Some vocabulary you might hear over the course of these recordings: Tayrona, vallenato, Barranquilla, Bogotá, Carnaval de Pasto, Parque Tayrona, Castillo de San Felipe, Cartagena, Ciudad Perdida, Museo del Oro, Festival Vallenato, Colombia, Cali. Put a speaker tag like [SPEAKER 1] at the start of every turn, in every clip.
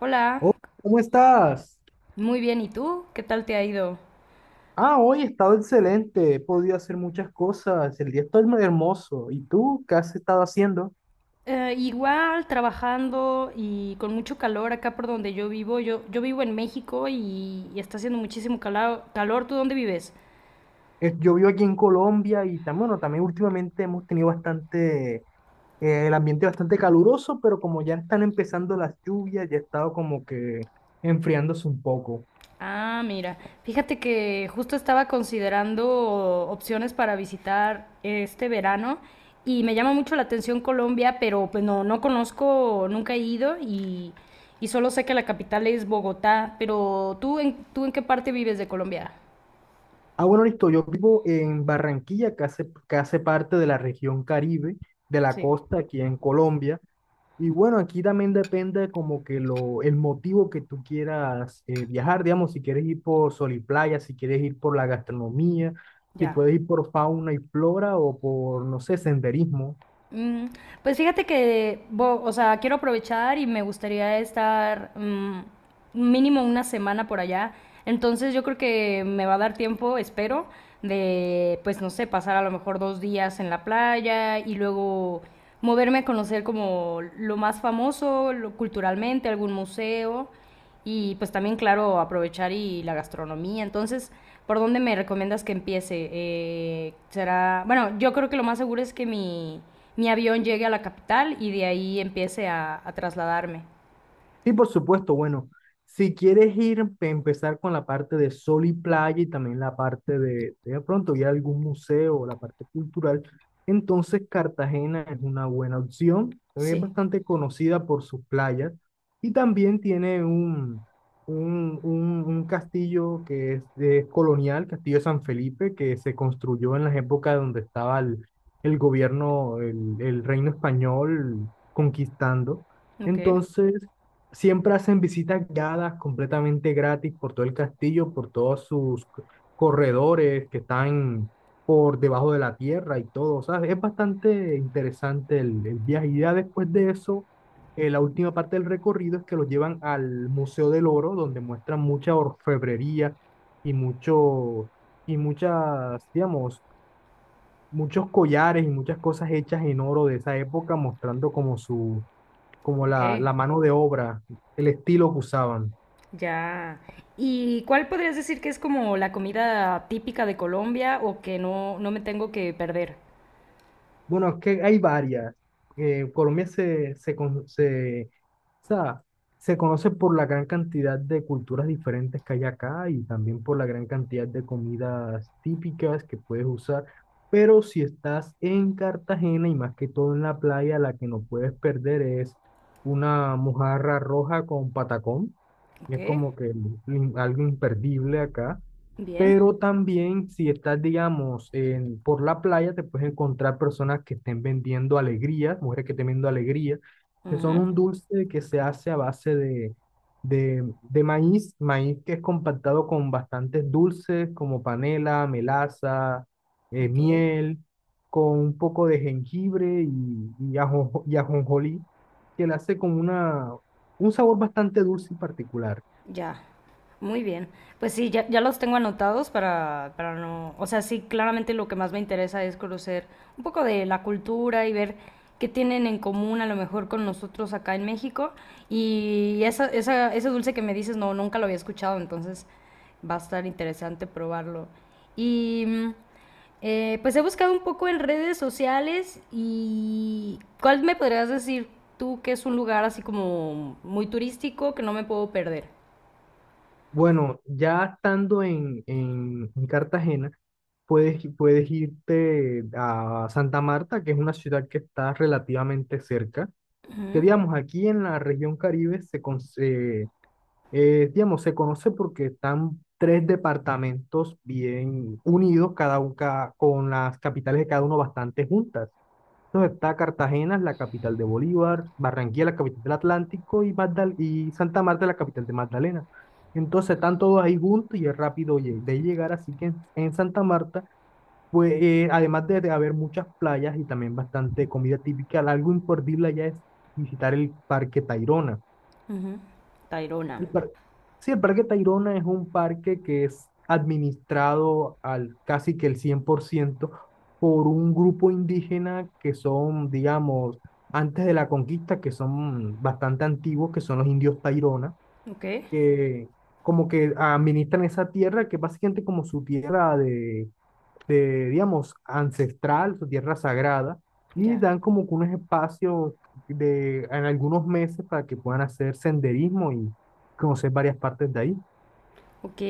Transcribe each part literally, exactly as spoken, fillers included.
[SPEAKER 1] Hola,
[SPEAKER 2] Oh, ¿cómo estás?
[SPEAKER 1] muy bien. ¿Y tú? ¿Qué tal te ha ido?
[SPEAKER 2] Ah, hoy he estado excelente, he podido hacer muchas cosas, el día está muy hermoso. ¿Y tú qué has estado haciendo?
[SPEAKER 1] Eh, igual, trabajando y con mucho calor acá por donde yo vivo. Yo, yo vivo en México y, y está haciendo muchísimo cala- calor. ¿Tú dónde vives?
[SPEAKER 2] Eh, Yo vivo aquí en Colombia y también, bueno, también últimamente hemos tenido bastante, eh, el ambiente bastante caluroso, pero como ya están empezando las lluvias, ya ha estado como que enfriándose un poco.
[SPEAKER 1] Ah, mira. Fíjate que justo estaba considerando opciones para visitar este verano y me llama mucho la atención Colombia, pero pues no, no conozco, nunca he ido y, y solo sé que la capital es Bogotá. Pero ¿tú en, tú en qué parte vives de Colombia?
[SPEAKER 2] Ah, bueno, listo, yo vivo en Barranquilla, que hace, que hace parte de la región Caribe, de la
[SPEAKER 1] Sí,
[SPEAKER 2] costa aquí en Colombia. Y bueno, aquí también depende como que lo, el motivo que tú quieras eh, viajar, digamos, si quieres ir por sol y playa, si quieres ir por la gastronomía, si
[SPEAKER 1] ya.
[SPEAKER 2] puedes ir por fauna y flora o por, no sé, senderismo.
[SPEAKER 1] Mm, pues fíjate que, bo- o sea, quiero aprovechar y me gustaría estar mm, mínimo una semana por allá. Entonces yo creo que me va a dar tiempo, espero, de, pues no sé, pasar a lo mejor dos días en la playa y luego moverme a conocer como lo más famoso, lo- culturalmente, algún museo. Y pues también, claro, aprovechar y la gastronomía. Entonces, ¿por dónde me recomiendas que empiece? Eh, será, bueno, yo creo que lo más seguro es que mi, mi avión llegue a la capital y de ahí empiece a, a trasladarme.
[SPEAKER 2] Sí, por supuesto. Bueno, si quieres ir, pe- empezar con la parte de sol y playa y también la parte de, de pronto ir a algún museo o la parte cultural, entonces Cartagena es una buena opción. Es
[SPEAKER 1] Sí,
[SPEAKER 2] bastante conocida por sus playas y también tiene un, un, un- un castillo que es, eh, colonial, Castillo de San Felipe, que se construyó en las épocas donde estaba el, el gobierno, el el reino español conquistando.
[SPEAKER 1] ok,
[SPEAKER 2] Entonces, siempre hacen visitas guiadas completamente gratis por todo el castillo, por todos sus c- corredores que están por debajo de la tierra y todo. O sea, es bastante interesante el, el viaje. Y ya después de eso, eh, la última parte del recorrido es que los llevan al Museo del Oro, donde muestran mucha orfebrería y mucho, y muchas, digamos, muchos collares y muchas cosas hechas en oro de esa época, mostrando como su como
[SPEAKER 1] ok,
[SPEAKER 2] la, la mano de obra, el estilo que usaban.
[SPEAKER 1] ya. ¿Y cuál podrías decir que es como la comida típica de Colombia o que no, no me tengo que perder?
[SPEAKER 2] Bueno, es que hay varias. Eh, Colombia se, se, con- se, o sea, se conoce por la gran cantidad de culturas diferentes que hay acá y también por la gran cantidad de comidas típicas que puedes usar. Pero si estás en Cartagena y más que todo en la playa, la que no puedes perder es una mojarra roja con patacón.
[SPEAKER 1] Ok,
[SPEAKER 2] Es como que algo imperdible acá.
[SPEAKER 1] bien.
[SPEAKER 2] Pero también si estás, digamos, en- por la playa, te puedes encontrar personas que estén vendiendo alegrías, mujeres que estén vendiendo alegrías, que son
[SPEAKER 1] Ujú.
[SPEAKER 2] un dulce que se hace a base de, de, de maíz, maíz que es compactado con bastantes dulces como panela, melaza, eh,
[SPEAKER 1] Ok.
[SPEAKER 2] miel, con un poco de jengibre y, y, ajo, y ajonjolí, que le hace como una, un sabor bastante dulce y particular.
[SPEAKER 1] Ya, muy bien. Pues sí, ya, ya los tengo anotados para, para no... O sea, sí, claramente lo que más me interesa es conocer un poco de la cultura y ver qué tienen en común a lo mejor con nosotros acá en México. Y esa, esa, ese dulce que me dices, no, nunca lo había escuchado, entonces va a estar interesante probarlo. Y mm, eh, pues he buscado un poco en redes sociales y ¿cuál me podrías decir tú que es un lugar así como muy turístico que no me puedo perder?
[SPEAKER 2] Bueno, ya estando en, en- en Cartagena, puedes, puedes irte a Santa Marta, que es una ciudad que está relativamente cerca, que digamos, aquí en la región Caribe se, con- se, eh, digamos, se conoce porque están tres departamentos bien unidos, cada, un- ca- con las capitales de cada uno bastante juntas. Entonces está Cartagena, la capital de Bolívar, Barranquilla, la capital del Atlántico, y, Magdal- y Santa Marta, la capital de Magdalena. Entonces están todos ahí juntos y es rápido lle- de llegar, así que en, en Santa Marta, pues eh, además de, de haber muchas playas y también bastante comida típica, algo imperdible allá es visitar el Parque Tayrona.
[SPEAKER 1] Ujú. Tayrona.
[SPEAKER 2] El par- sí, el Parque Tayrona es un parque que es administrado al casi que el cien por ciento por un grupo indígena que son, digamos, antes de la conquista, que son bastante antiguos, que son los indios Tayrona,
[SPEAKER 1] Ok.
[SPEAKER 2] que como que administran esa tierra, que es básicamente como su tierra de, de, digamos, ancestral, su tierra sagrada, y
[SPEAKER 1] Ya.
[SPEAKER 2] dan como que unos espacios de, en algunos meses para que puedan hacer senderismo y conocer varias partes de ahí.
[SPEAKER 1] Ok,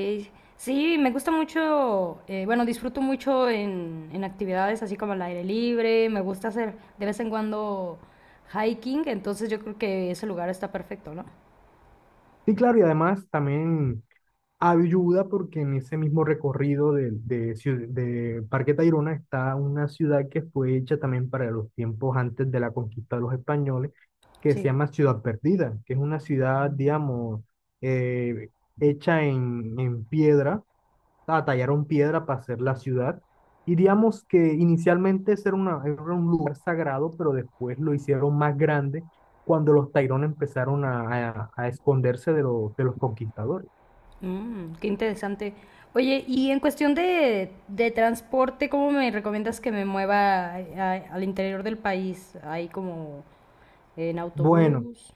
[SPEAKER 1] sí, me gusta mucho, eh, bueno, disfruto mucho en, en actividades así como al aire libre, me gusta hacer de vez en cuando hiking, entonces yo creo que ese lugar está perfecto, ¿no?
[SPEAKER 2] Sí, claro, y además también ayuda porque en ese mismo recorrido de, de, ciu- de Parque Tayrona está una ciudad que fue hecha también para los tiempos antes de la conquista de los españoles, que se
[SPEAKER 1] Sí.
[SPEAKER 2] llama Ciudad Perdida, que es una ciudad, digamos, eh, hecha en, en piedra ah, Tallaron piedra para hacer la ciudad. Y digamos que inicialmente ese era, una- era un lugar sagrado, pero después lo hicieron más grande cuando los Tairón empezaron a, a- a esconderse de los, de los conquistadores.
[SPEAKER 1] Mm, qué interesante. Oye, y en cuestión de, de transporte, ¿cómo me recomiendas que me mueva a- a- al interior del país? Ahí como en
[SPEAKER 2] Bueno,
[SPEAKER 1] autobús,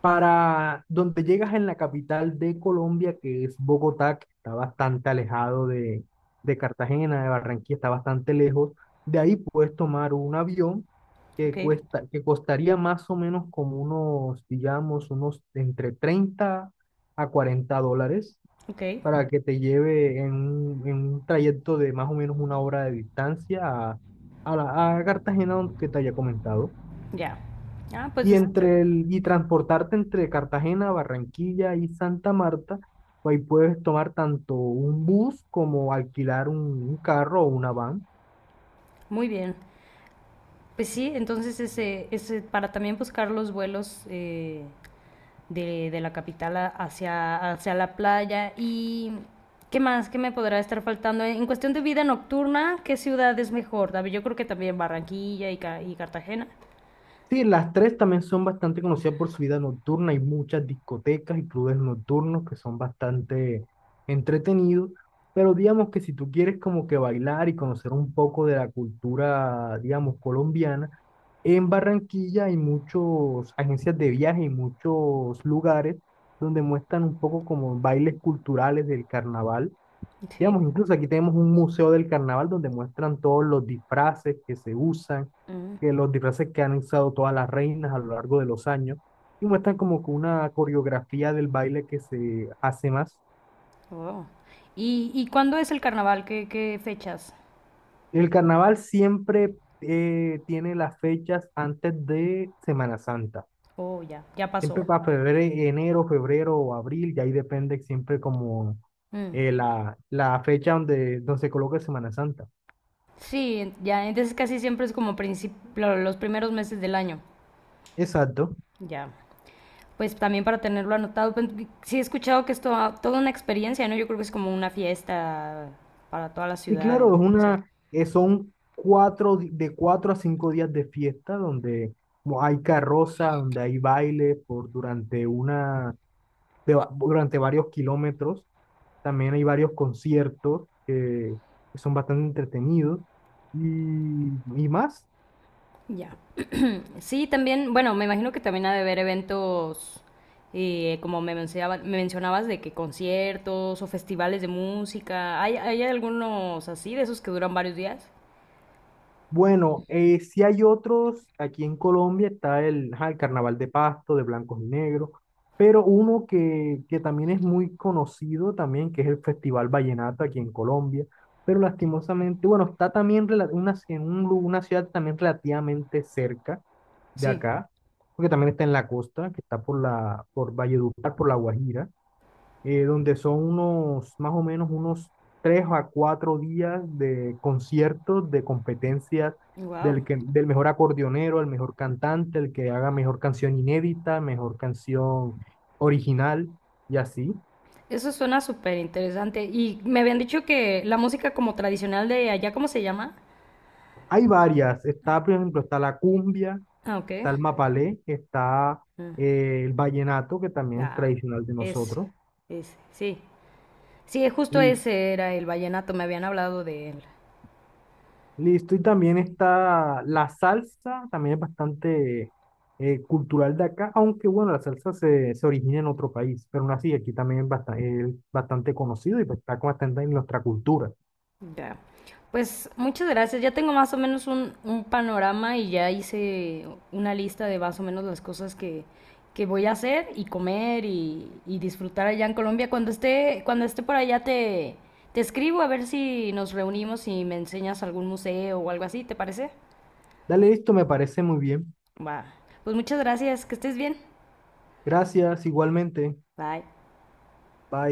[SPEAKER 2] para donde llegas en la capital de Colombia, que es Bogotá, que está bastante alejado de, de Cartagena, de Barranquilla, está bastante lejos, de ahí puedes tomar un avión que
[SPEAKER 1] ok,
[SPEAKER 2] cuesta, que costaría más o menos como unos, digamos, unos entre treinta a cuarenta dólares
[SPEAKER 1] ok.
[SPEAKER 2] para que te lleve en un, en un trayecto de más o menos una hora de distancia a, a, la- a Cartagena, donde- que te haya comentado.
[SPEAKER 1] Ya. Ah, pues
[SPEAKER 2] Y
[SPEAKER 1] está bien.
[SPEAKER 2] entre el, y transportarte entre Cartagena, Barranquilla y Santa Marta, pues ahí puedes tomar tanto un bus como alquilar un, un carro o una van.
[SPEAKER 1] Muy bien. Pues sí, entonces ese, ese, para también buscar los vuelos eh, de, de la capital a- hacia, hacia la playa. ¿Y qué más? ¿Qué me podrá estar faltando? En cuestión de vida nocturna, ¿qué ciudad es mejor? A ver, yo creo que también Barranquilla y, Ca- y Cartagena.
[SPEAKER 2] Sí, las tres también son bastante conocidas por su vida nocturna. Hay muchas discotecas y clubes nocturnos que son bastante entretenidos. Pero digamos que si tú quieres como que bailar y conocer un poco de la cultura, digamos, colombiana, en Barranquilla hay muchas agencias de viaje y muchos lugares donde muestran un poco como bailes culturales del carnaval.
[SPEAKER 1] Sí.
[SPEAKER 2] Digamos, incluso aquí tenemos un museo del carnaval donde muestran todos los disfraces que se usan,
[SPEAKER 1] Mm,
[SPEAKER 2] que los disfraces que han usado todas las reinas a lo largo de los años, y muestran como que una coreografía del baile que se hace más.
[SPEAKER 1] wow. ¿Y, y cuándo es el carnaval? ¿Qué, qué fechas?
[SPEAKER 2] El carnaval siempre eh, tiene las fechas antes de Semana Santa.
[SPEAKER 1] Oh, ya, ya pasó.
[SPEAKER 2] Siempre para febrero, enero, febrero o abril, y ahí depende siempre como
[SPEAKER 1] Mm.
[SPEAKER 2] eh, la, la fecha donde, donde se coloca Semana Santa.
[SPEAKER 1] Sí, en- ya, entonces casi siempre es como princip- lo- los primeros meses del año.
[SPEAKER 2] Exacto.
[SPEAKER 1] Ya. Pues también para tenerlo anotado, pues, sí he escuchado que es toda, toda una experiencia, ¿no? Yo creo que es como una fiesta para toda la
[SPEAKER 2] Sí,
[SPEAKER 1] ciudad.
[SPEAKER 2] claro, es
[SPEAKER 1] ¿No? Sí.
[SPEAKER 2] una, eh, son cuatro, di- de cuatro a cinco días de fiesta donde mo- hay carroza, donde hay baile por durante una, de va- durante varios kilómetros. También hay varios conciertos que, que son bastante entretenidos y, y más.
[SPEAKER 1] Ya. Sí, también, bueno, me imagino que también ha de haber eventos, eh, como me mencionaba- me mencionabas, de que conciertos o festivales de música. ¿Hay, hay algunos así, de esos que duran varios días?
[SPEAKER 2] Bueno, eh, si hay otros, aquí en Colombia está el, ajá, el Carnaval de Pasto, de blancos y negros, pero uno que, que también es muy conocido también, que es el Festival Vallenato aquí en Colombia, pero lastimosamente, bueno, está también rela- una, en un lu- una ciudad también relativamente cerca de
[SPEAKER 1] Sí.
[SPEAKER 2] acá, porque también está en la costa, que está por la, por Valledupar, por La Guajira eh, donde son unos, más o menos unos tres a cuatro días de conciertos, de competencias del,
[SPEAKER 1] Wow.
[SPEAKER 2] que, del mejor acordeonero, el mejor cantante, el que haga mejor canción inédita, mejor canción original y así.
[SPEAKER 1] Eso suena súper interesante. Y me habían dicho que la música como tradicional de allá, ¿cómo se llama?
[SPEAKER 2] Hay varias, está, por ejemplo, está la cumbia,
[SPEAKER 1] Ah, ok.
[SPEAKER 2] está el mapalé, está
[SPEAKER 1] Mm.
[SPEAKER 2] eh, el vallenato, que también es
[SPEAKER 1] Ah,
[SPEAKER 2] tradicional de
[SPEAKER 1] es,
[SPEAKER 2] nosotros.
[SPEAKER 1] es, sí. Sí, justo ese era el vallenato, me habían hablado de él.
[SPEAKER 2] Listo, y también está la salsa, también es bastante eh, cultural de acá, aunque bueno, la salsa se, se origina en otro país, pero aún así aquí también es bastante, es bastante conocido y pues está bastante en nuestra cultura.
[SPEAKER 1] Ya. Pues muchas gracias. Ya tengo más o menos un, un panorama y ya hice una lista de más o menos las cosas que, que voy a hacer y comer y, y disfrutar allá en Colombia. Cuando esté, cuando esté por allá te, te escribo a ver si nos reunimos y me enseñas algún museo o algo así, ¿te parece?
[SPEAKER 2] Dale, listo, me parece muy bien.
[SPEAKER 1] Va. Pues muchas gracias. Que estés bien.
[SPEAKER 2] Gracias, igualmente.
[SPEAKER 1] Bye.
[SPEAKER 2] Bye.